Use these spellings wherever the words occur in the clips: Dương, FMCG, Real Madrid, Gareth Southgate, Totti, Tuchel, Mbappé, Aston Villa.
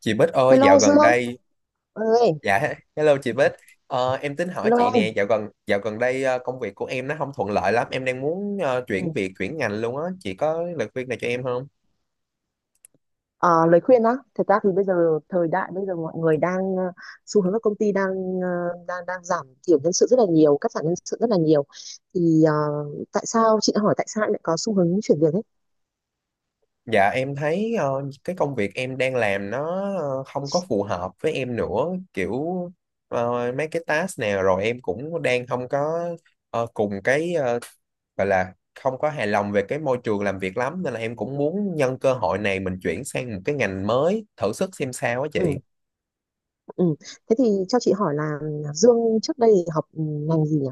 Chị Bích ơi, dạo Hello Dương gần đây, ơi, dạ, hello chị Bích. Em tính hỏi hello chị nè, em. dạo gần đây công việc của em nó không thuận lợi lắm, em đang muốn chuyển Ừ. việc, chuyển ngành luôn á, chị có lời khuyên này cho em không? Ờ, Lời khuyên á, thật ra thì bây giờ thời đại bây giờ mọi người đang xu hướng các công ty đang ờ, đang đang giảm thiểu nhân sự rất là nhiều, cắt giảm nhân sự rất là nhiều. Thì ờ, Tại sao chị đã hỏi tại sao em lại có xu hướng chuyển việc ấy? Dạ, em thấy cái công việc em đang làm nó không có phù hợp với em nữa, kiểu mấy cái task nào rồi em cũng đang không có cùng cái gọi là không có hài lòng về cái môi trường làm việc lắm, nên là em cũng muốn nhân cơ hội này mình chuyển sang một cái ngành mới, thử sức xem sao á chị. Ừ, ừ. Thế thì cho chị hỏi là Dương trước đây học ngành gì nhỉ?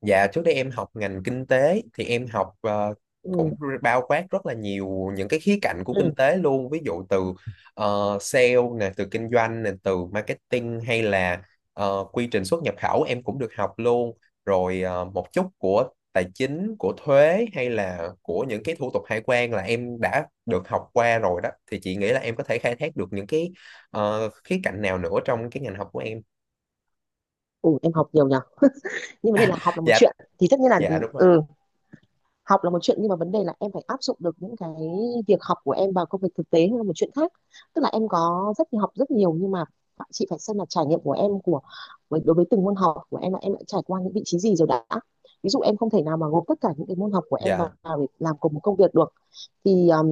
Dạ trước đây em học ngành kinh tế thì em học cũng Ừ, bao quát rất là nhiều những cái khía cạnh của ừ. kinh tế luôn, ví dụ từ sale nè, từ kinh doanh nè, từ marketing hay là quy trình xuất nhập khẩu em cũng được học luôn, rồi một chút của tài chính, của thuế hay là của những cái thủ tục hải quan là em đã được học qua rồi đó, thì chị nghĩ là em có thể khai thác được những cái khía cạnh nào nữa trong cái ngành học của em. Ừ, em học nhiều nhỉ. Nhưng vấn đề là học là một dạ chuyện thì tất nhiên là dạ đúng rồi. ừ học là một chuyện, nhưng mà vấn đề là em phải áp dụng được những cái việc học của em vào công việc thực tế là một chuyện khác. Tức là em có rất nhiều học rất nhiều, nhưng mà chị phải xem là trải nghiệm của em của đối với từng môn học của em là em đã trải qua những vị trí gì rồi đã. Ví dụ em không thể nào mà gộp tất cả những cái môn học của em vào dạ để làm cùng một công việc được. Thì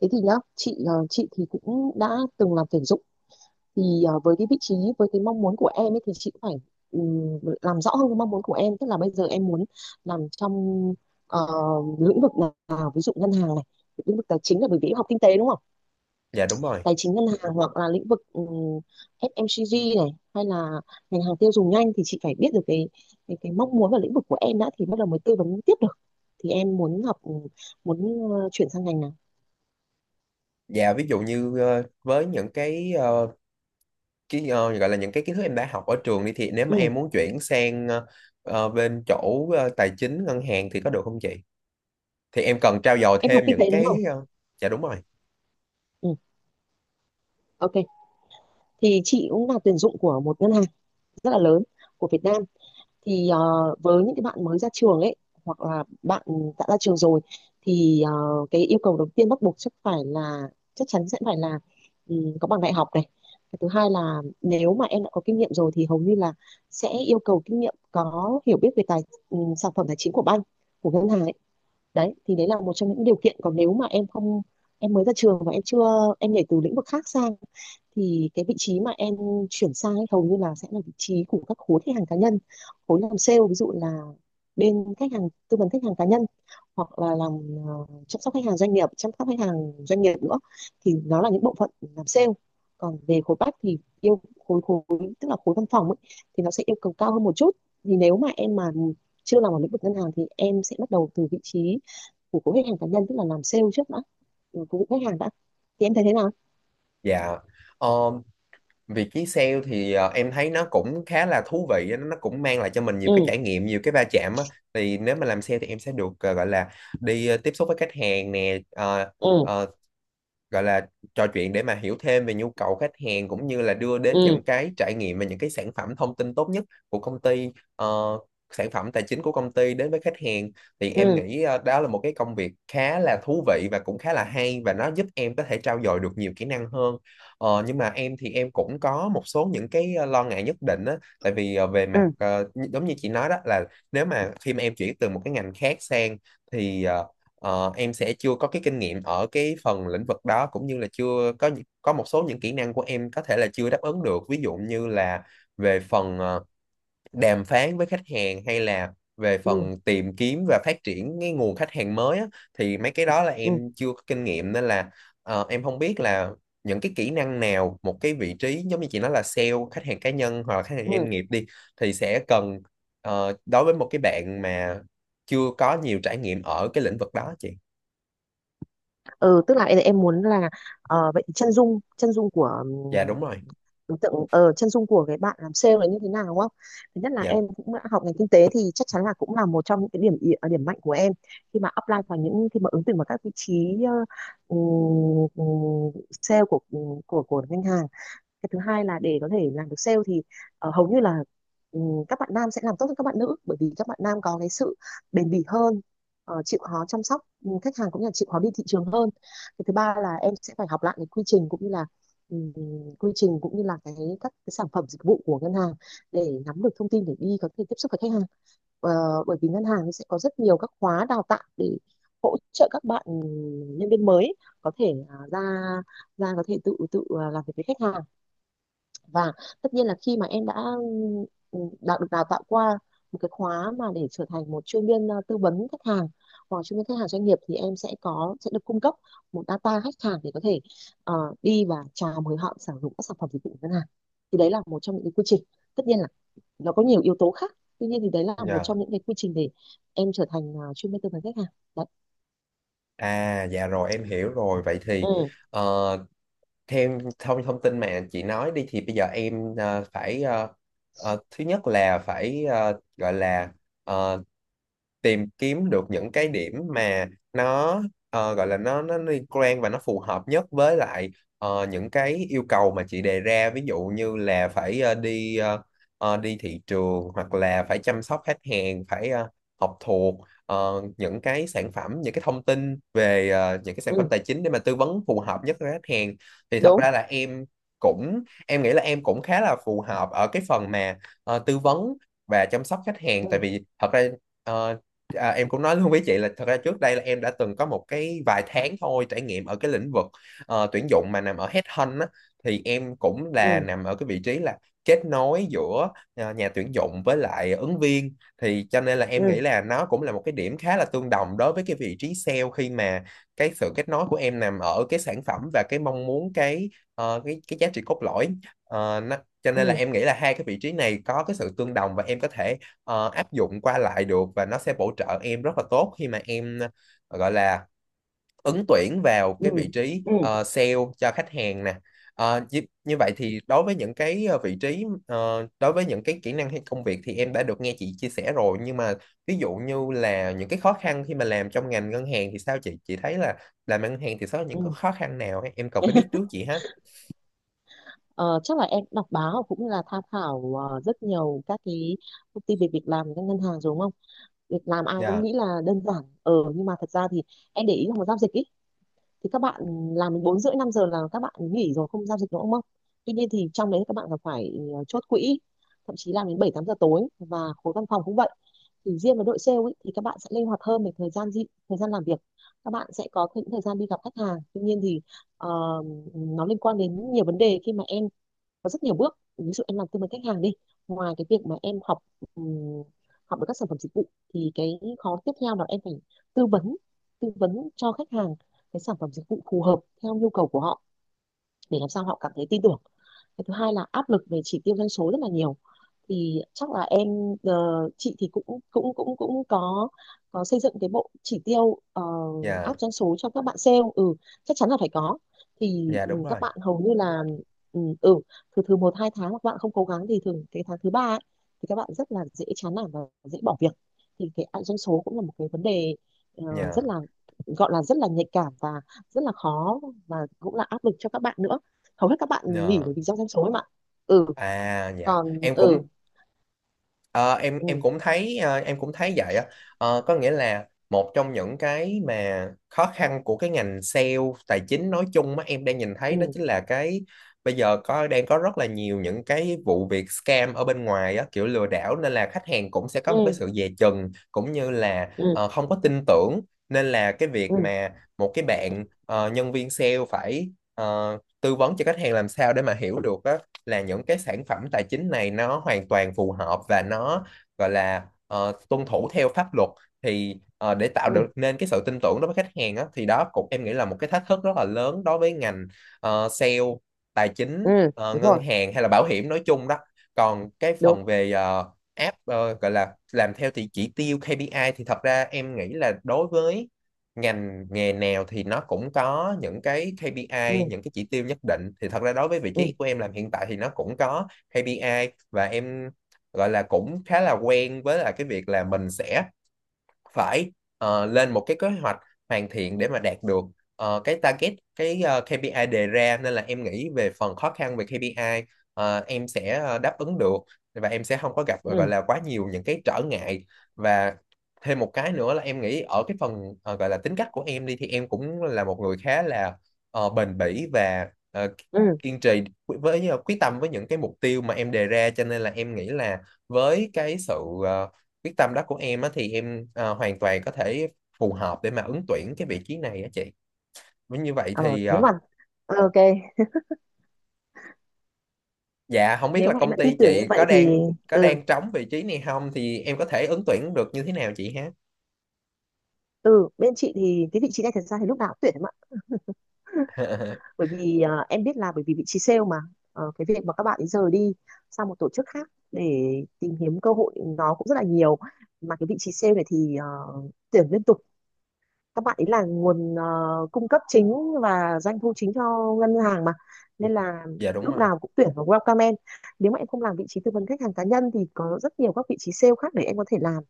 Thế thì nhá, chị chị thì cũng đã từng làm tuyển dụng, thì với cái vị trí, với cái mong muốn của em ấy, thì chị cũng phải làm rõ hơn cái mong muốn của em, tức là bây giờ em muốn làm trong ờ, lĩnh vực nào, ví dụ ngân hàng này, lĩnh vực tài chính, là bởi vì em học kinh tế đúng không, dạ đúng rồi. tài chính ngân hàng, hoặc là lĩnh vực FMCG này, hay là ngành hàng tiêu dùng nhanh. Thì chị phải biết được cái cái mong muốn và lĩnh vực của em đã, thì bắt đầu mới tư vấn tiếp được. Thì em muốn học, muốn chuyển sang ngành nào? Dạ ví dụ như với những cái cái gọi là những cái kiến thức em đã học ở trường đi, thì nếu mà Ừ. em muốn chuyển sang bên chỗ tài chính ngân hàng thì có được không chị? Thì em cần trau dồi Em học thêm kinh những tế đúng cái không? Dạ đúng rồi. Ừ. Ok, thì chị cũng là tuyển dụng của một ngân hàng rất là lớn của Việt Nam. Thì với những cái bạn mới ra trường ấy, hoặc là bạn đã ra trường rồi, thì cái yêu cầu đầu tiên bắt buộc chắc chắn sẽ phải là có bằng đại học này. Cái thứ hai là nếu mà em đã có kinh nghiệm rồi thì hầu như là sẽ yêu cầu kinh nghiệm, có hiểu biết về tài sản phẩm tài chính của bank, của ngân hàng ấy. Đấy thì đấy là một trong những điều kiện. Còn nếu mà em không em mới ra trường và em chưa em nhảy từ lĩnh vực khác sang, thì cái vị trí mà em chuyển sang ấy, hầu như là sẽ là vị trí của các khối khách hàng cá nhân, khối làm sale, ví dụ là bên khách hàng, tư vấn khách hàng cá nhân, hoặc là làm chăm sóc khách hàng doanh nghiệp, nữa. Thì nó là những bộ phận làm sale. Còn về khối back thì yêu khối khối tức là khối văn phòng ấy, thì nó sẽ yêu cầu cao hơn một chút. Thì nếu mà em chưa làm ở lĩnh vực ngân hàng thì em sẽ bắt đầu từ vị trí của khối khách hàng cá nhân, tức là làm sale trước đã, của khách hàng đã. Thì em thấy thế nào? Dạ. Ờ, Việc ký sale thì em thấy nó cũng khá là thú vị á, nó cũng mang lại cho mình nhiều cái Ừ trải nghiệm, nhiều cái va chạm á. Thì nếu mà làm sale thì em sẽ được gọi là đi tiếp xúc với khách hàng nè, ừ ờ, gọi là trò chuyện để mà hiểu thêm về nhu cầu khách hàng, cũng như là đưa đến ừ những cái trải nghiệm và những cái sản phẩm thông tin tốt nhất của công ty, ờ, sản phẩm tài chính của công ty đến với khách hàng. Thì em ừ nghĩ đó là một cái công việc khá là thú vị và cũng khá là hay, và nó giúp em có thể trau dồi được nhiều kỹ năng hơn. Nhưng mà em thì em cũng có một số những cái lo ngại nhất định á, tại vì về mặt ừ giống như chị nói đó là nếu mà khi mà em chuyển từ một cái ngành khác sang thì em sẽ chưa có cái kinh nghiệm ở cái phần lĩnh vực đó, cũng như là chưa có những- có một số những kỹ năng của em có thể là chưa đáp ứng được, ví dụ như là về phần đàm phán với khách hàng, hay là về ừ phần tìm kiếm và phát triển cái nguồn khách hàng mới á, thì mấy cái đó là ừ em chưa có kinh nghiệm, nên là em không biết là những cái kỹ năng nào một cái vị trí giống như chị nói là sale khách hàng cá nhân hoặc là khách hàng ừ doanh nghiệp đi thì sẽ cần, đối với một cái bạn mà chưa có nhiều trải nghiệm ở cái lĩnh vực đó chị. ừ Tức là em muốn là vậy thì chân dung của Dạ đúng rồi. đối tượng, chân dung của cái bạn làm sale là như thế nào đúng không. Thứ nhất là Dạ, em cũng đã học ngành kinh tế thì chắc chắn là cũng là một trong những cái điểm mạnh của em khi mà apply vào những khi mà ứng tuyển vào các vị trí ừm, ừm, sale của của ngân hàng. Cái thứ hai là để có thể làm được sale thì hầu như là ừ, các bạn nam sẽ làm tốt hơn các bạn nữ, bởi vì các bạn nam có cái sự bền bỉ hơn, chịu khó chăm sóc khách hàng, cũng như là chịu khó đi thị trường hơn. Cái thứ ba là em sẽ phải học lại cái quy trình cũng như là ừ, cái các cái sản phẩm dịch vụ của ngân hàng để nắm được thông tin để đi có thể tiếp xúc với khách hàng. Ờ, bởi vì ngân hàng sẽ có rất nhiều các khóa đào tạo để hỗ trợ các bạn nhân viên mới có thể à, ra ra có thể tự tự làm việc với khách hàng. Và tất nhiên là khi mà em đã đã được đào tạo qua một cái khóa mà để trở thành một chuyên viên tư vấn khách hàng hoặc chuyên viên khách hàng doanh nghiệp, thì em sẽ được cung cấp một data khách hàng để có thể ờ, đi và chào mời họ sử dụng các sản phẩm dịch vụ của ngân hàng. Thì đấy là một trong những cái quy trình, tất nhiên là nó có nhiều yếu tố khác, tuy nhiên thì đấy là một dạ. trong những cái quy trình để em trở thành chuyên viên tư vấn khách hàng. Đấy. À dạ rồi em hiểu rồi. Vậy thì Ừ ờ, theo thông thông tin mà chị nói đi thì bây giờ em phải thứ nhất là phải gọi là ờ, tìm kiếm được những cái điểm mà nó gọi là nó liên quan và nó phù hợp nhất với lại những cái yêu cầu mà chị đề ra, ví dụ như là phải đi đi thị trường, hoặc là phải chăm sóc khách hàng, phải học thuộc những cái sản phẩm, những cái thông tin về những cái sản ừ phẩm tài chính để mà tư vấn phù hợp nhất với khách hàng. Thì thật đúng ra là em cũng em nghĩ là em cũng khá là phù hợp ở cái phần mà tư vấn và chăm sóc khách hàng, ừ tại vì thật ra ờ, À, em cũng nói luôn với chị là thật ra trước đây là em đã từng có một cái vài tháng thôi trải nghiệm ở cái lĩnh vực tuyển dụng mà nằm ở headhunt á, thì em cũng là ừ nằm ở cái vị trí là kết nối giữa nhà tuyển dụng với lại ứng viên. Thì cho nên là em nghĩ ừ là nó cũng là một cái điểm khá là tương đồng đối với cái vị trí sale, khi mà cái sự kết nối của em nằm ở cái sản phẩm và cái mong muốn, cái cái giá trị cốt lõi. Ờ, nó, cho nên ừ là em nghĩ là hai cái vị trí này có cái sự tương đồng, và em có thể áp dụng qua lại được, và nó sẽ bổ trợ em rất là tốt khi mà em gọi là ứng tuyển vào ừ cái vị trí ừ sale cho khách hàng nè. Ờ, như, như vậy thì đối với những cái vị trí đối với những cái kỹ năng hay công việc thì em đã được nghe chị chia sẻ rồi, nhưng mà ví dụ như là những cái khó khăn khi mà làm trong ngành ngân hàng thì sao chị thấy là làm ngân hàng thì sẽ có những ừ cái khó khăn nào ấy? Em cần phải biết trước chị ha. Ờ, chắc là em đọc báo cũng như là tham khảo rất nhiều các cái thông tin về việc làm của các ngân hàng rồi đúng không? Việc làm ai cũng Dạ. nghĩ là đơn giản. Ờ, nhưng mà thật ra thì em để ý là một giao dịch ý, thì các bạn làm đến 4 rưỡi 5 giờ là các bạn nghỉ rồi, không giao dịch nữa đúng không? Tuy nhiên thì trong đấy các bạn còn phải chốt quỹ, thậm chí làm đến 7 8 giờ tối, và khối văn phòng cũng vậy. Thì riêng với đội sale ý, thì các bạn sẽ linh hoạt hơn về thời gian làm việc. Các bạn sẽ có những thời gian đi gặp khách hàng. Tuy nhiên thì ờ, nó liên quan đến nhiều vấn đề, khi mà em có rất nhiều bước, ví dụ em làm tư vấn khách hàng đi, ngoài cái việc mà em học ừm, học được các sản phẩm dịch vụ, thì cái khó tiếp theo là em phải tư vấn tư vấn cho khách hàng cái sản phẩm dịch vụ phù hợp theo nhu cầu của họ, để làm sao họ cảm thấy tin tưởng. Cái thứ hai là áp lực về chỉ tiêu doanh số rất là nhiều. Thì chắc là chị thì cũng cũng cũng cũng có xây dựng cái bộ chỉ tiêu Dạ. áp doanh số cho các bạn sale, ừ, chắc chắn là phải có. Thì Dạ ừ, đúng rồi. các bạn hầu như là ừ, ừ từ từ một hai tháng mà các bạn không cố gắng thì thường cái tháng thứ ba ấy, thì các bạn rất là dễ chán nản và dễ bỏ việc. Thì cái áp doanh số cũng là một cái vấn đề rất Dạ. là, gọi là rất là nhạy cảm và rất là khó, và cũng là áp lực cho các bạn nữa. Hầu hết các bạn nghỉ Dạ. bởi vì do doanh số ấy mà. Ừ À dạ còn em ừ cũng Ờ, em ừ cũng thấy em cũng thấy vậy á. Ờ, có nghĩa là một trong những cái mà khó khăn của cái ngành sale tài chính nói chung mà em đang nhìn thấy đó ừ chính là cái bây giờ có đang có rất là nhiều những cái vụ việc scam ở bên ngoài á, kiểu lừa đảo, nên là khách hàng cũng sẽ có ừ một cái sự dè chừng, cũng như là ừ không có tin tưởng. Nên là cái ừ việc mà một cái bạn nhân viên sale phải tư vấn cho khách hàng làm sao để mà hiểu được là những cái sản phẩm tài chính này nó hoàn toàn phù hợp và nó gọi là tuân thủ theo pháp luật, thì để tạo được ừ nên cái sự tin tưởng đối với khách hàng á, thì đó cũng em nghĩ là một cái thách thức rất là lớn đối với ngành sale tài chính, ừ Đúng rồi. ngân hàng hay là bảo hiểm nói chung đó. Còn cái Đúng phần về app, gọi là làm theo thì chỉ tiêu KPI, thì thật ra em nghĩ là đối với ngành nghề nào thì nó cũng có những cái ừ KPI, những cái chỉ tiêu nhất định. Thì thật ra đối với vị ừ trí của em làm hiện tại thì nó cũng có KPI, và em gọi là cũng khá là quen với là cái việc là mình sẽ phải lên một cái kế hoạch hoàn thiện để mà đạt được cái target, cái KPI đề ra. Nên là em nghĩ về phần khó khăn về KPI, em sẽ đáp ứng được và em sẽ không có gặp ừ gọi là quá nhiều những cái trở ngại. Và thêm một cái nữa là em nghĩ ở cái phần gọi là tính cách của em đi thì em cũng là một người khá là bền bỉ và ừ kiên trì với, quyết tâm với những cái mục tiêu mà em đề ra, cho nên là em nghĩ là với cái sự ờ, quyết tâm đó của em á, thì em hoàn toàn có thể phù hợp để mà ứng tuyển cái vị trí này á chị. Với như vậy ờ thì Nếu mà ok, dạ không biết nếu là mà em công đã ty tin tưởng như chị vậy thì có ừ đang trống vị trí này không, thì em có thể ứng tuyển được như thế nào chị ha? ừ bên chị thì cái vị trí này thật ra thì lúc nào cũng tuyển em ạ. Bởi vì em biết là bởi vì vị trí sale mà. Ờ, cái việc mà các bạn ấy rời đi sang một tổ chức khác để tìm kiếm cơ hội nó cũng rất là nhiều, mà cái vị trí sale này thì tuyển liên tục. Các bạn ấy là nguồn cung cấp chính và doanh thu chính cho ngân hàng mà, nên là Dạ đúng lúc rồi. nào cũng tuyển vào, welcome em. Nếu mà em không làm vị trí tư vấn khách hàng cá nhân thì có rất nhiều các vị trí sale khác để em có thể làm.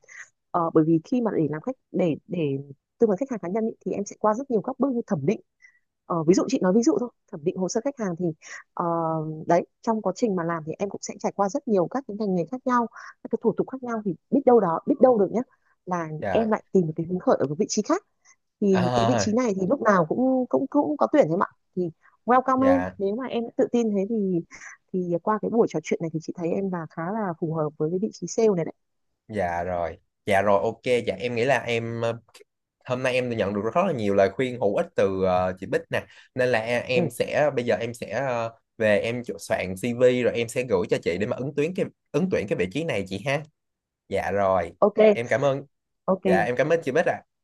Ờ, bởi vì khi mà để tư vấn khách hàng cá nhân ý, thì em sẽ qua rất nhiều các bước như thẩm định. Ờ, ví dụ chị nói ví dụ thôi, thẩm định hồ sơ khách hàng thì ờ, đấy, trong quá trình mà làm thì em cũng sẽ trải qua rất nhiều các cái ngành nghề khác nhau, các cái thủ tục khác nhau, thì biết đâu được nhé, là Dạ. em lại tìm được cái hứng khởi ở một vị trí khác. Thì cái vị À, trí này thì lúc nào cũng cũng cũng có tuyển em ạ. Thì welcome em, dạ. nếu mà em đã tự tin thế thì qua cái buổi trò chuyện này thì chị thấy em là khá là phù hợp với cái vị trí sale này đấy. Dạ rồi. Dạ rồi, ok, dạ em nghĩ là em hôm nay em đã nhận được rất là nhiều lời khuyên hữu ích từ chị Bích nè, nên là Ừ, em sẽ bây giờ em sẽ về em soạn CV rồi em sẽ gửi cho chị để mà ứng tuyển cái vị trí này chị ha. Dạ rồi, ok. em cảm ơn. Dạ em Ok. cảm ơn chị Bích ạ.